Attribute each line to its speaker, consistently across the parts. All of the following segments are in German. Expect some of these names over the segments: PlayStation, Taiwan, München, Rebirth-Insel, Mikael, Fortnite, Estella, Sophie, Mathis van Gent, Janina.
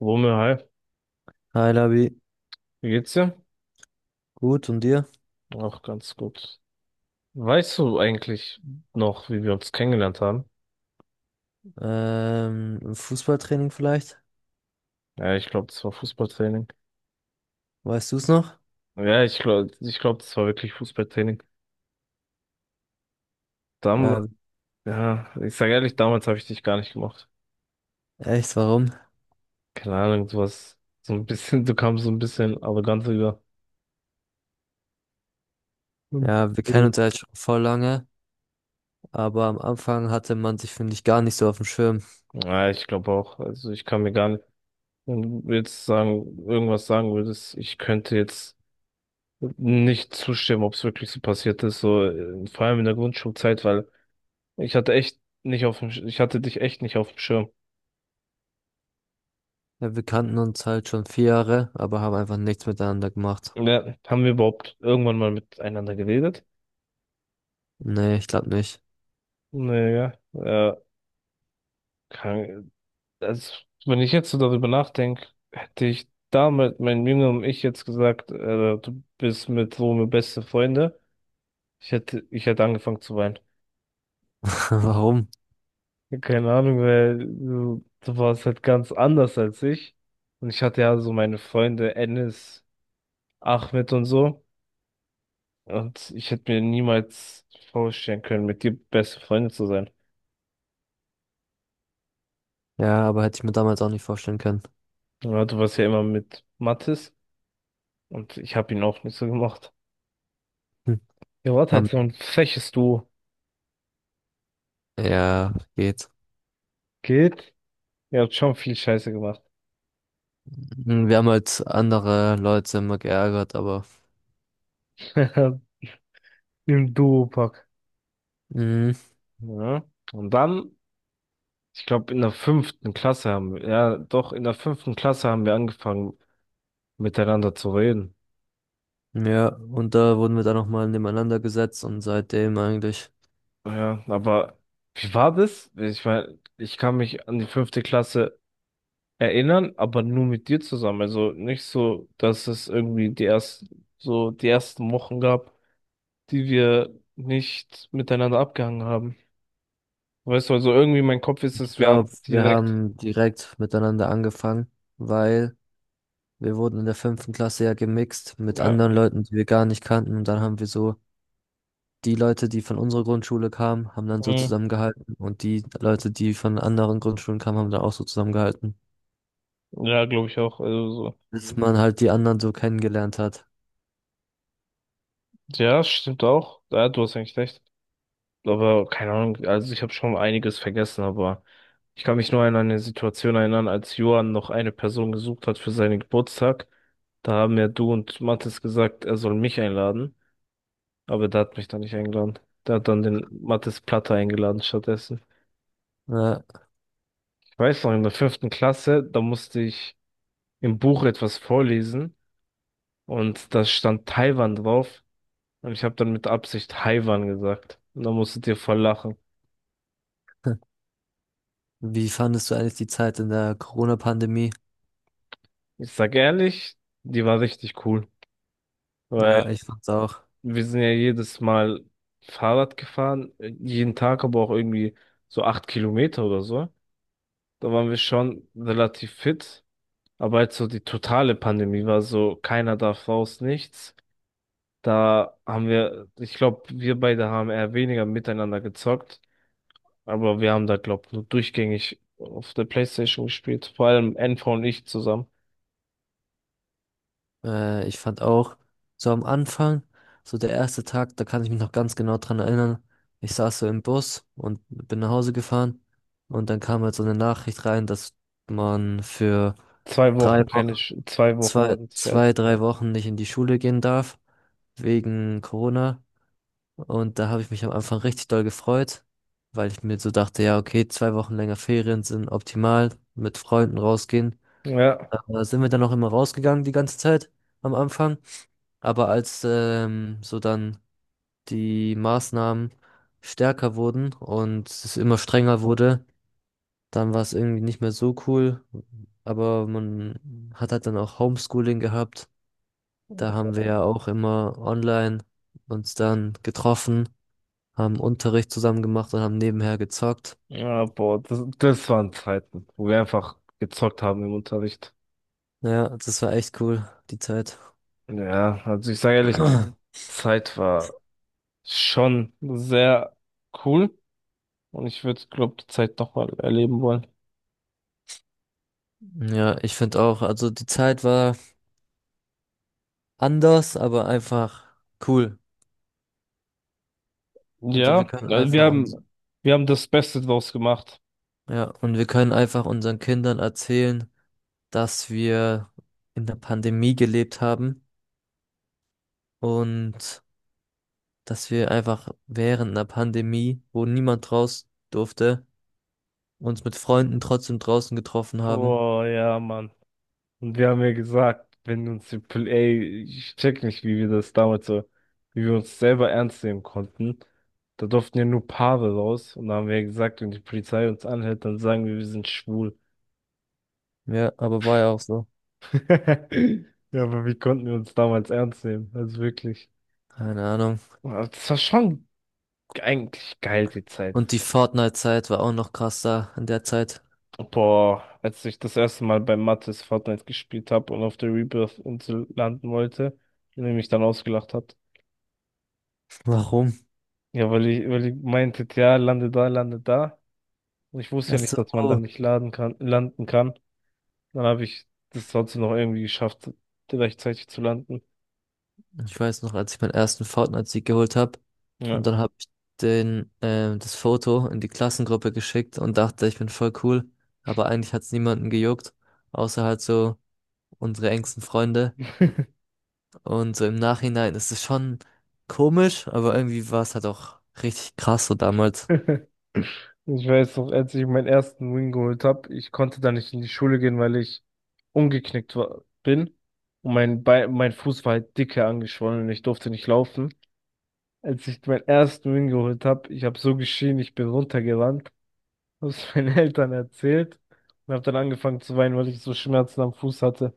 Speaker 1: Wumme, hi,
Speaker 2: Hi Labi,
Speaker 1: wie geht's dir?
Speaker 2: gut und dir?
Speaker 1: Auch ganz gut. Weißt du eigentlich noch, wie wir uns kennengelernt haben?
Speaker 2: Im Fußballtraining vielleicht?
Speaker 1: Ja, ich glaube, das war Fußballtraining.
Speaker 2: Weißt du es noch?
Speaker 1: Ja, ich glaube, das war wirklich Fußballtraining. Dam
Speaker 2: Ja,
Speaker 1: ja, ich sage ehrlich, damals habe ich dich gar nicht gemacht.
Speaker 2: echt, warum?
Speaker 1: Keine Ahnung, du kamst so ein bisschen arrogant rüber. Hm.
Speaker 2: Ja, wir kennen uns ja jetzt schon voll lange, aber am Anfang hatte man sich, finde ich, gar nicht so auf dem Schirm.
Speaker 1: Ja, ich glaube auch. Also ich kann mir gar nicht, wenn du irgendwas sagen würdest, ich könnte jetzt nicht zustimmen, ob es wirklich so passiert ist, so vor allem in der Grundschulzeit, weil ich hatte dich echt nicht auf dem Schirm.
Speaker 2: Ja, wir kannten uns halt schon 4 Jahre, aber haben einfach nichts miteinander gemacht.
Speaker 1: Ja, haben wir überhaupt irgendwann mal miteinander geredet?
Speaker 2: Nee, ich glaube nicht.
Speaker 1: Naja, ja, kann, also, wenn ich jetzt so darüber nachdenke, hätte ich damals meinem jüngeren Ich jetzt gesagt, du bist mit so Rome beste Freunde, ich hätte angefangen zu weinen.
Speaker 2: Warum?
Speaker 1: Ja, keine Ahnung, weil du warst halt ganz anders als ich. Und ich hatte ja so meine Freunde Enes, Ahmed und so. Und ich hätte mir niemals vorstellen können, mit dir beste Freunde zu sein.
Speaker 2: Ja, aber hätte ich mir damals auch nicht vorstellen können.
Speaker 1: Ja, du warst ja immer mit Mathis und ich habe ihn auch nicht so gemacht.
Speaker 2: Hm.
Speaker 1: Ihr wart halt
Speaker 2: Haben,
Speaker 1: so ein freches Duo.
Speaker 2: ja, geht.
Speaker 1: Geht? Ihr habt schon viel Scheiße gemacht.
Speaker 2: Hm, wir haben halt andere Leute immer geärgert, aber.
Speaker 1: Im Duopack.
Speaker 2: Mhm.
Speaker 1: Ja. Und dann, ich glaube, in der fünften Klasse haben wir, ja, doch, in der fünften Klasse haben wir angefangen, miteinander zu reden.
Speaker 2: Ja, und da wurden wir dann nochmal nebeneinander gesetzt und seitdem eigentlich,
Speaker 1: Ja, aber wie war das? Ich meine, ich kann mich an die fünfte Klasse erinnern, aber nur mit dir zusammen. Also nicht so, dass es irgendwie so die ersten Wochen gab, die wir nicht miteinander abgehangen haben. Weißt du, also irgendwie mein Kopf ist
Speaker 2: ich
Speaker 1: es, wir haben
Speaker 2: glaube, wir
Speaker 1: direkt.
Speaker 2: haben direkt miteinander angefangen, weil wir wurden in der fünften Klasse ja gemixt mit
Speaker 1: Ja.
Speaker 2: anderen Leuten, die wir gar nicht kannten, und dann haben wir so die Leute, die von unserer Grundschule kamen, haben dann so
Speaker 1: Mhm.
Speaker 2: zusammengehalten und die Leute, die von anderen Grundschulen kamen, haben dann auch so zusammengehalten,
Speaker 1: Ja, glaube ich auch. Also so.
Speaker 2: bis man halt die anderen so kennengelernt hat.
Speaker 1: Ja, stimmt auch. Ja, du hast eigentlich recht. Aber keine Ahnung, also ich habe schon einiges vergessen, aber ich kann mich nur an eine Situation erinnern, als Johann noch eine Person gesucht hat für seinen Geburtstag. Da haben ja du und Mathis gesagt, er soll mich einladen. Aber der hat mich da nicht eingeladen. Der hat dann den Mathis Platter eingeladen stattdessen.
Speaker 2: Ja.
Speaker 1: Ich weiß noch, in der fünften Klasse, da musste ich im Buch etwas vorlesen und da stand Taiwan drauf und ich habe dann mit Absicht Taiwan gesagt. Und da musstet ihr voll lachen.
Speaker 2: Wie fandest du eigentlich die Zeit in der Corona-Pandemie?
Speaker 1: Ich sag ehrlich, die war richtig cool, weil
Speaker 2: Ja, ich fand's auch.
Speaker 1: wir sind ja jedes Mal Fahrrad gefahren, jeden Tag aber auch irgendwie so 8 Kilometer oder so. Da waren wir schon relativ fit. Aber jetzt so die totale Pandemie war so, keiner darf raus, nichts. Da haben wir, ich glaube, wir beide haben eher weniger miteinander gezockt, aber wir haben da, glaube ich, nur durchgängig auf der PlayStation gespielt. Vor allem NV und ich zusammen.
Speaker 2: Ich fand auch, so am Anfang, so der erste Tag, da kann ich mich noch ganz genau dran erinnern. Ich saß so im Bus und bin nach Hause gefahren und dann kam halt so eine Nachricht rein, dass man für
Speaker 1: Zwei
Speaker 2: drei
Speaker 1: Wochen, keine,
Speaker 2: Wochen,
Speaker 1: Sch- zwei Wochen war das Scheiß.
Speaker 2: 3 Wochen nicht in die Schule gehen darf, wegen Corona. Und da habe ich mich am Anfang richtig doll gefreut, weil ich mir so dachte, ja, okay, 2 Wochen länger Ferien sind optimal, mit Freunden rausgehen.
Speaker 1: Ja,
Speaker 2: Da sind wir dann auch immer rausgegangen die ganze Zeit am Anfang. Aber als so dann die Maßnahmen stärker wurden und es immer strenger wurde, dann war es irgendwie nicht mehr so cool. Aber man hat halt dann auch Homeschooling gehabt. Da haben wir ja auch immer online uns dann getroffen, haben Unterricht zusammen gemacht und haben nebenher gezockt.
Speaker 1: ja, boah, das waren Zeiten, wo wir einfach gezockt haben im Unterricht.
Speaker 2: Ja, das war echt cool, die Zeit.
Speaker 1: Ja, also ich sage ehrlich, die Zeit war schon sehr cool. Und ich würde, glaube die Zeit doch mal erleben wollen.
Speaker 2: Ja, ich finde auch, also die Zeit war anders, aber einfach cool. Also wir
Speaker 1: Ja,
Speaker 2: können
Speaker 1: also
Speaker 2: einfach uns.
Speaker 1: wir haben das Beste draus gemacht.
Speaker 2: Ja, und wir können einfach unseren Kindern erzählen, dass wir in der Pandemie gelebt haben und dass wir einfach während einer Pandemie, wo niemand raus durfte, uns mit Freunden trotzdem draußen getroffen haben.
Speaker 1: Oh ja, Mann. Und wir haben ja gesagt, wenn uns die, Pol- ey, ich check nicht, wie wir das damals so, wie wir uns selber ernst nehmen konnten. Da durften ja nur Paare raus. Und da haben wir ja gesagt, wenn die Polizei uns anhält, dann sagen wir, wir sind schwul.
Speaker 2: Ja, aber war ja auch so.
Speaker 1: Ja, aber wie konnten wir uns damals ernst nehmen? Also wirklich.
Speaker 2: Keine Ahnung.
Speaker 1: Aber das war schon eigentlich geil, die Zeit.
Speaker 2: Und die Fortnite-Zeit war auch noch krasser in der Zeit.
Speaker 1: Boah, als ich das erste Mal bei Mattes Fortnite gespielt habe und auf der Rebirth-Insel landen wollte, und er mich dann ausgelacht hat.
Speaker 2: Warum?
Speaker 1: Ja, weil ich meinte, ja, lande da, lande da. Und ich wusste
Speaker 2: Ach
Speaker 1: ja nicht, dass man da
Speaker 2: so.
Speaker 1: nicht landen kann. Dann habe ich das trotzdem noch irgendwie geschafft, rechtzeitig zu landen.
Speaker 2: Ich weiß noch, als ich meinen ersten Fortnite-Sieg geholt habe
Speaker 1: Ja.
Speaker 2: und dann habe ich den, das Foto in die Klassengruppe geschickt und dachte, ich bin voll cool, aber eigentlich hat es niemanden gejuckt, außer halt so unsere engsten Freunde. Und so im Nachhinein ist es schon komisch, aber irgendwie war es halt auch richtig krass so damals.
Speaker 1: Ich weiß noch, als ich meinen ersten Win geholt habe, ich konnte da nicht in die Schule gehen, weil ich umgeknickt war, bin. Und mein Bein, mein Fuß war halt dicke angeschwollen und ich durfte nicht laufen. Als ich meinen ersten Win geholt habe, ich habe so geschrien, ich bin runtergerannt, habe es meinen Eltern erzählt und habe dann angefangen zu weinen, weil ich so Schmerzen am Fuß hatte.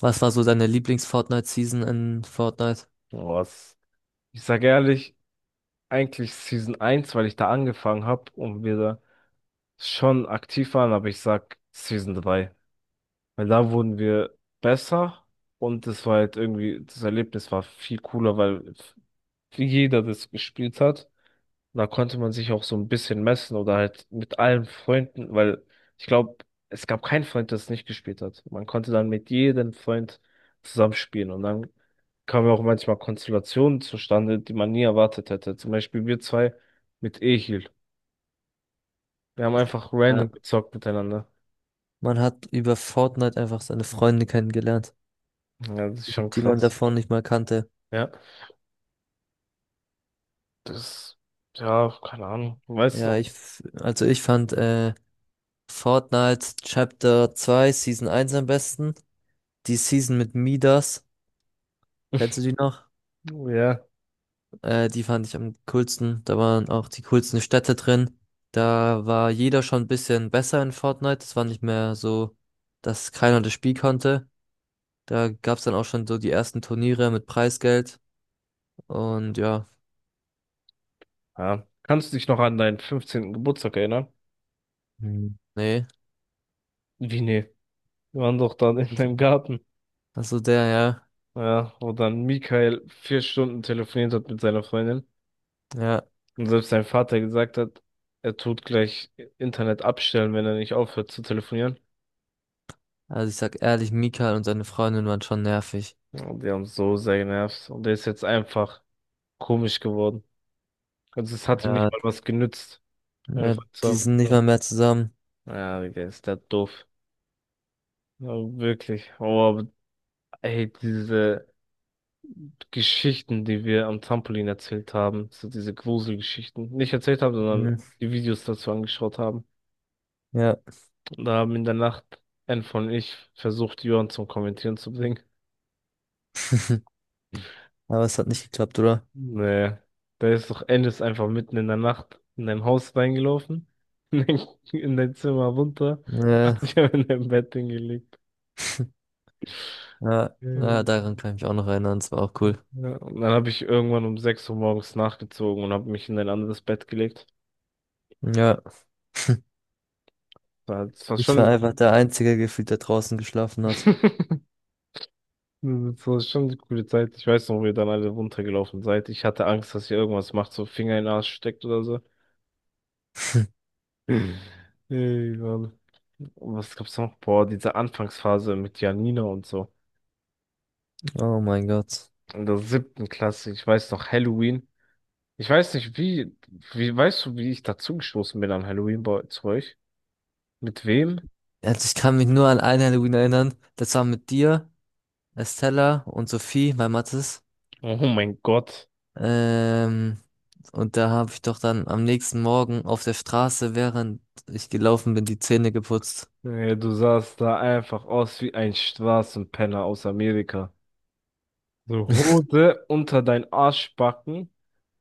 Speaker 2: Was war so deine Lieblings-Fortnite-Season in Fortnite?
Speaker 1: Was? Ich sage ehrlich, eigentlich Season 1, weil ich da angefangen habe und wir da schon aktiv waren, aber ich sag Season 3, weil da wurden wir besser und das war halt irgendwie, das Erlebnis war viel cooler, weil jeder das gespielt hat. Da konnte man sich auch so ein bisschen messen oder halt mit allen Freunden, weil ich glaube, es gab keinen Freund, der es nicht gespielt hat. Man konnte dann mit jedem Freund zusammenspielen und dann kamen ja auch manchmal Konstellationen zustande, die man nie erwartet hätte. Zum Beispiel wir zwei mit Ehil. Wir haben einfach
Speaker 2: Ja,
Speaker 1: random gezockt miteinander.
Speaker 2: man hat über Fortnite einfach seine Freunde kennengelernt,
Speaker 1: Ja, das ist schon
Speaker 2: die man
Speaker 1: krass.
Speaker 2: davor nicht mal kannte.
Speaker 1: Ja, das, ja, keine Ahnung. Weißt du
Speaker 2: Ja,
Speaker 1: noch?
Speaker 2: also ich fand, Fortnite Chapter 2 Season eins am besten. Die Season mit Midas, kennst du die noch?
Speaker 1: Ja,
Speaker 2: Die fand ich am coolsten. Da waren auch die coolsten Städte drin. Da war jeder schon ein bisschen besser in Fortnite. Es war nicht mehr so, dass keiner das Spiel konnte. Da gab es dann auch schon so die ersten Turniere mit Preisgeld. Und ja,
Speaker 1: ja. Kannst du dich noch an deinen 15. Geburtstag erinnern?
Speaker 2: hm, nee.
Speaker 1: Wie, nee? Wir waren doch da in
Speaker 2: Also,
Speaker 1: deinem Garten.
Speaker 2: also der, ja.
Speaker 1: Ja, wo dann Mikael 4 Stunden telefoniert hat mit seiner Freundin
Speaker 2: Ja.
Speaker 1: und selbst sein Vater gesagt hat, er tut gleich Internet abstellen, wenn er nicht aufhört zu telefonieren.
Speaker 2: Also ich sag ehrlich, Mika und seine Freundin waren schon nervig.
Speaker 1: Und die haben so sehr genervt und der ist jetzt einfach komisch geworden. Also es hat ihm
Speaker 2: Ja,
Speaker 1: nicht mal was genützt, meine
Speaker 2: ja,
Speaker 1: Freunde zu
Speaker 2: die
Speaker 1: haben.
Speaker 2: sind nicht mal mehr zusammen.
Speaker 1: Ja, Digga, ist der doof. Ja, wirklich. Oh, aber ey, diese Geschichten, die wir am Trampolin erzählt haben, so diese Gruselgeschichten, nicht erzählt haben, sondern
Speaker 2: Mhm.
Speaker 1: die Videos dazu angeschaut haben.
Speaker 2: Ja,
Speaker 1: Da haben in der Nacht Enf und ich versucht, Jörn zum Kommentieren zu bringen.
Speaker 2: aber es hat nicht geklappt, oder?
Speaker 1: Nee, da ist doch Ennis einfach mitten in der Nacht in dein Haus reingelaufen, in dein, in dein Zimmer runter,
Speaker 2: Ja,
Speaker 1: hat dich in dein Bett hingelegt.
Speaker 2: ja, ja,
Speaker 1: Ähm,
Speaker 2: daran kann ich mich auch noch erinnern, es war auch cool.
Speaker 1: Ja, und dann habe ich irgendwann um 6 Uhr morgens nachgezogen und habe mich in ein anderes Bett gelegt.
Speaker 2: Ja,
Speaker 1: Das war
Speaker 2: ich war
Speaker 1: schon,
Speaker 2: einfach der Einzige gefühlt, der draußen geschlafen hat.
Speaker 1: Das war schon eine coole Zeit. Ich weiß noch, wie ihr dann alle runtergelaufen seid. Ich hatte Angst, dass ihr irgendwas macht, so Finger in den Arsch steckt oder so. Egal. Was gab's noch? Boah, diese Anfangsphase mit Janina und so.
Speaker 2: Oh mein Gott.
Speaker 1: In der siebten Klasse, ich weiß noch, Halloween. Ich weiß nicht, weißt du, wie ich dazugestoßen bin an Halloween bei zu euch? Mit wem?
Speaker 2: Also ich kann mich nur an ein Halloween erinnern, das war mit dir, Estella und Sophie, mein Mattes.
Speaker 1: Oh mein Gott.
Speaker 2: Ähm, und da habe ich doch dann am nächsten Morgen auf der Straße, während ich gelaufen bin, die Zähne geputzt.
Speaker 1: Ey, du sahst da einfach aus wie ein Straßenpenner aus Amerika. So Hose unter dein Arschbacken,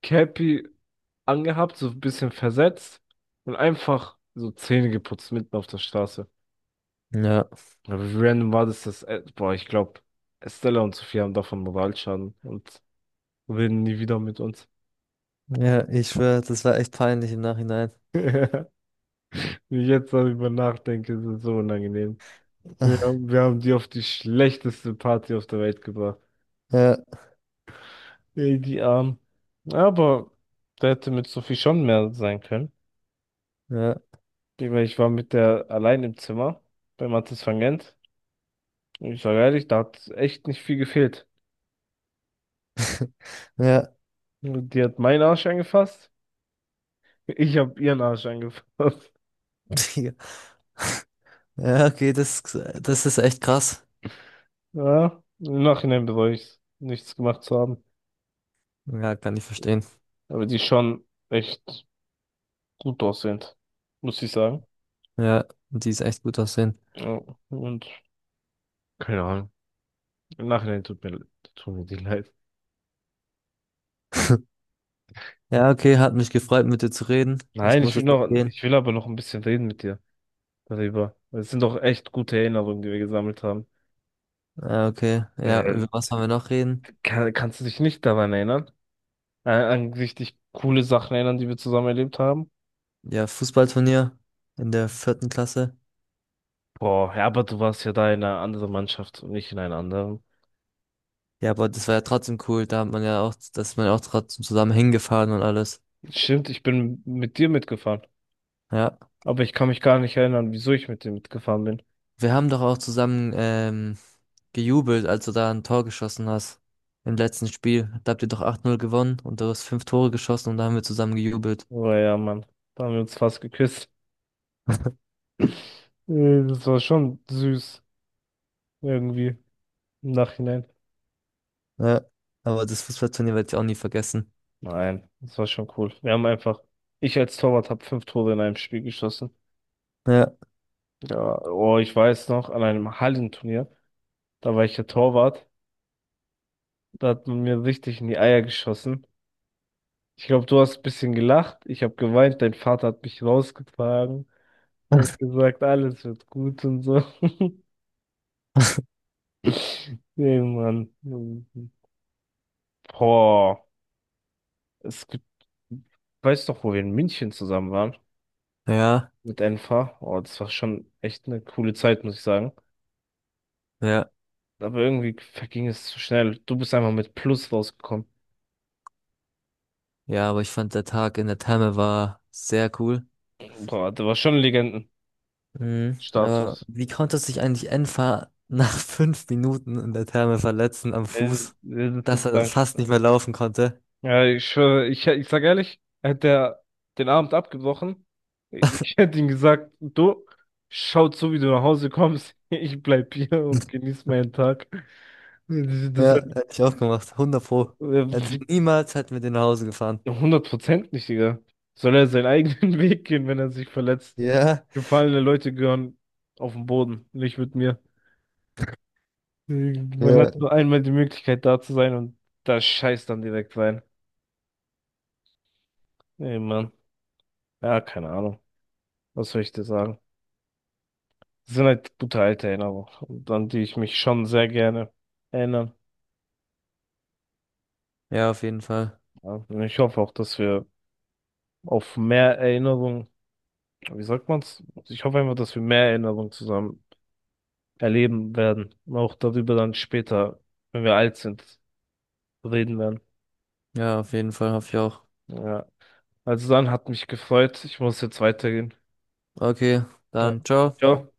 Speaker 1: Cappy angehabt, so ein bisschen versetzt und einfach so Zähne geputzt mitten auf der Straße.
Speaker 2: Ja,
Speaker 1: Aber wie random war das, dass, boah, ich glaube, Estella und Sophie haben davon Moralschaden und reden nie wieder mit uns.
Speaker 2: ja, ich schwöre, das war echt peinlich im Nachhinein.
Speaker 1: Wenn ich jetzt darüber nachdenke, ist es so unangenehm. Wir haben die auf die schlechteste Party auf der Welt gebracht.
Speaker 2: Ja,
Speaker 1: Ey, die Armen. Aber da hätte mit Sophie schon mehr sein können.
Speaker 2: ja,
Speaker 1: Ich meine, ich war mit der allein im Zimmer bei Mathis van Gent. Und ich sage ehrlich, da hat echt nicht viel gefehlt.
Speaker 2: ja.
Speaker 1: Die hat meinen Arsch angefasst. Ich habe ihren Arsch angefasst.
Speaker 2: Ja, okay, das ist echt krass.
Speaker 1: Ja, im Nachhinein bereue ich nichts gemacht zu haben.
Speaker 2: Ja, kann ich verstehen.
Speaker 1: Aber die schon echt gut aussehend, muss ich sagen.
Speaker 2: Ja, die ist echt gut aussehen.
Speaker 1: Ja, und keine Ahnung. Im Nachhinein tut mir die leid.
Speaker 2: Ja, okay, hat mich gefreut, mit dir zu reden. Ich
Speaker 1: Nein,
Speaker 2: muss jetzt auch gehen.
Speaker 1: ich will aber noch ein bisschen reden mit dir darüber. Es sind doch echt gute Erinnerungen, die wir gesammelt haben.
Speaker 2: Ja, okay. Ja,
Speaker 1: Äh,
Speaker 2: über was wollen wir noch reden?
Speaker 1: Kannst du dich nicht daran erinnern? An richtig coole Sachen erinnern, die wir zusammen erlebt haben?
Speaker 2: Ja, Fußballturnier in der vierten Klasse.
Speaker 1: Boah, ja, aber du warst ja da in einer anderen Mannschaft und nicht in einer anderen.
Speaker 2: Ja, aber das war ja trotzdem cool. Da hat man ja auch, da ist man ja auch trotzdem zusammen hingefahren und alles.
Speaker 1: Stimmt, ich bin mit dir mitgefahren.
Speaker 2: Ja.
Speaker 1: Aber ich kann mich gar nicht erinnern, wieso ich mit dem mitgefahren bin.
Speaker 2: Wir haben doch auch zusammen gejubelt, als du da ein Tor geschossen hast. Im letzten Spiel. Da habt ihr doch 8:0 gewonnen und du hast fünf Tore geschossen und da haben wir zusammen gejubelt.
Speaker 1: Aber ja, Mann, da haben wir uns fast geküsst. Das war schon süß, irgendwie, im Nachhinein.
Speaker 2: Ja, aber das Fußballturnier werde ich auch nie vergessen.
Speaker 1: Nein, das war schon cool. Wir haben einfach, ich als Torwart habe fünf Tore in einem Spiel geschossen.
Speaker 2: Ja,
Speaker 1: Ja, oh, ich weiß noch, an einem Hallenturnier, da war ich ja Torwart, da hat man mir richtig in die Eier geschossen. Ich glaube, du hast ein bisschen gelacht, ich habe geweint, dein Vater hat mich rausgetragen und hat gesagt, alles wird gut und so. Nee, Mann. Boah. Es gibt, Weiß doch, wo wir in München zusammen waren.
Speaker 2: ja,
Speaker 1: Mit Enfa. Oh, das war schon echt eine coole Zeit, muss ich sagen.
Speaker 2: ja,
Speaker 1: Aber irgendwie verging es zu schnell. Du bist einfach mit Plus rausgekommen.
Speaker 2: ja, aber ich fand, der Tag in der Therme war sehr cool.
Speaker 1: Boah, da war schon Legendenstatus.
Speaker 2: Mhm. Aber wie konnte sich eigentlich Enfer nach 5 Minuten in der Therme verletzen am
Speaker 1: Äh,
Speaker 2: Fuß,
Speaker 1: Das ist so
Speaker 2: dass er
Speaker 1: krank.
Speaker 2: fast nicht mehr laufen konnte?
Speaker 1: Ja, ich schwöre, ich sag ehrlich, hätte er den Abend abgebrochen. Ich hätte ihm gesagt, du, schaut so, wie du nach Hause kommst. Ich bleib hier und genieß meinen Tag. Das ist
Speaker 2: Ja, hätte ich auch gemacht, 100 pro. Also
Speaker 1: äh,
Speaker 2: niemals hätten wir den nach Hause gefahren.
Speaker 1: 100% nicht, Digga. Soll er seinen eigenen Weg gehen, wenn er sich verletzt?
Speaker 2: Ja,
Speaker 1: Gefallene Leute gehören auf den Boden, nicht mit mir. Man hat
Speaker 2: ja.
Speaker 1: nur einmal die Möglichkeit, da zu sein und da scheißt dann direkt rein. Ey, Mann. Ja, keine Ahnung. Was soll ich dir sagen? Das sind halt gute alte Erinnerungen, und an die ich mich schon sehr gerne erinnere.
Speaker 2: Ja, auf jeden Fall.
Speaker 1: Ja, und ich hoffe auch, dass wir auf mehr Erinnerungen, wie sagt man's? Ich hoffe einfach, dass wir mehr Erinnerungen zusammen erleben werden. Auch darüber dann später, wenn wir alt sind, reden werden.
Speaker 2: Ja, auf jeden Fall hoffe ich auch.
Speaker 1: Ja. Also dann hat mich gefreut. Ich muss jetzt weitergehen.
Speaker 2: Okay,
Speaker 1: Ja.
Speaker 2: dann ciao.
Speaker 1: Ciao.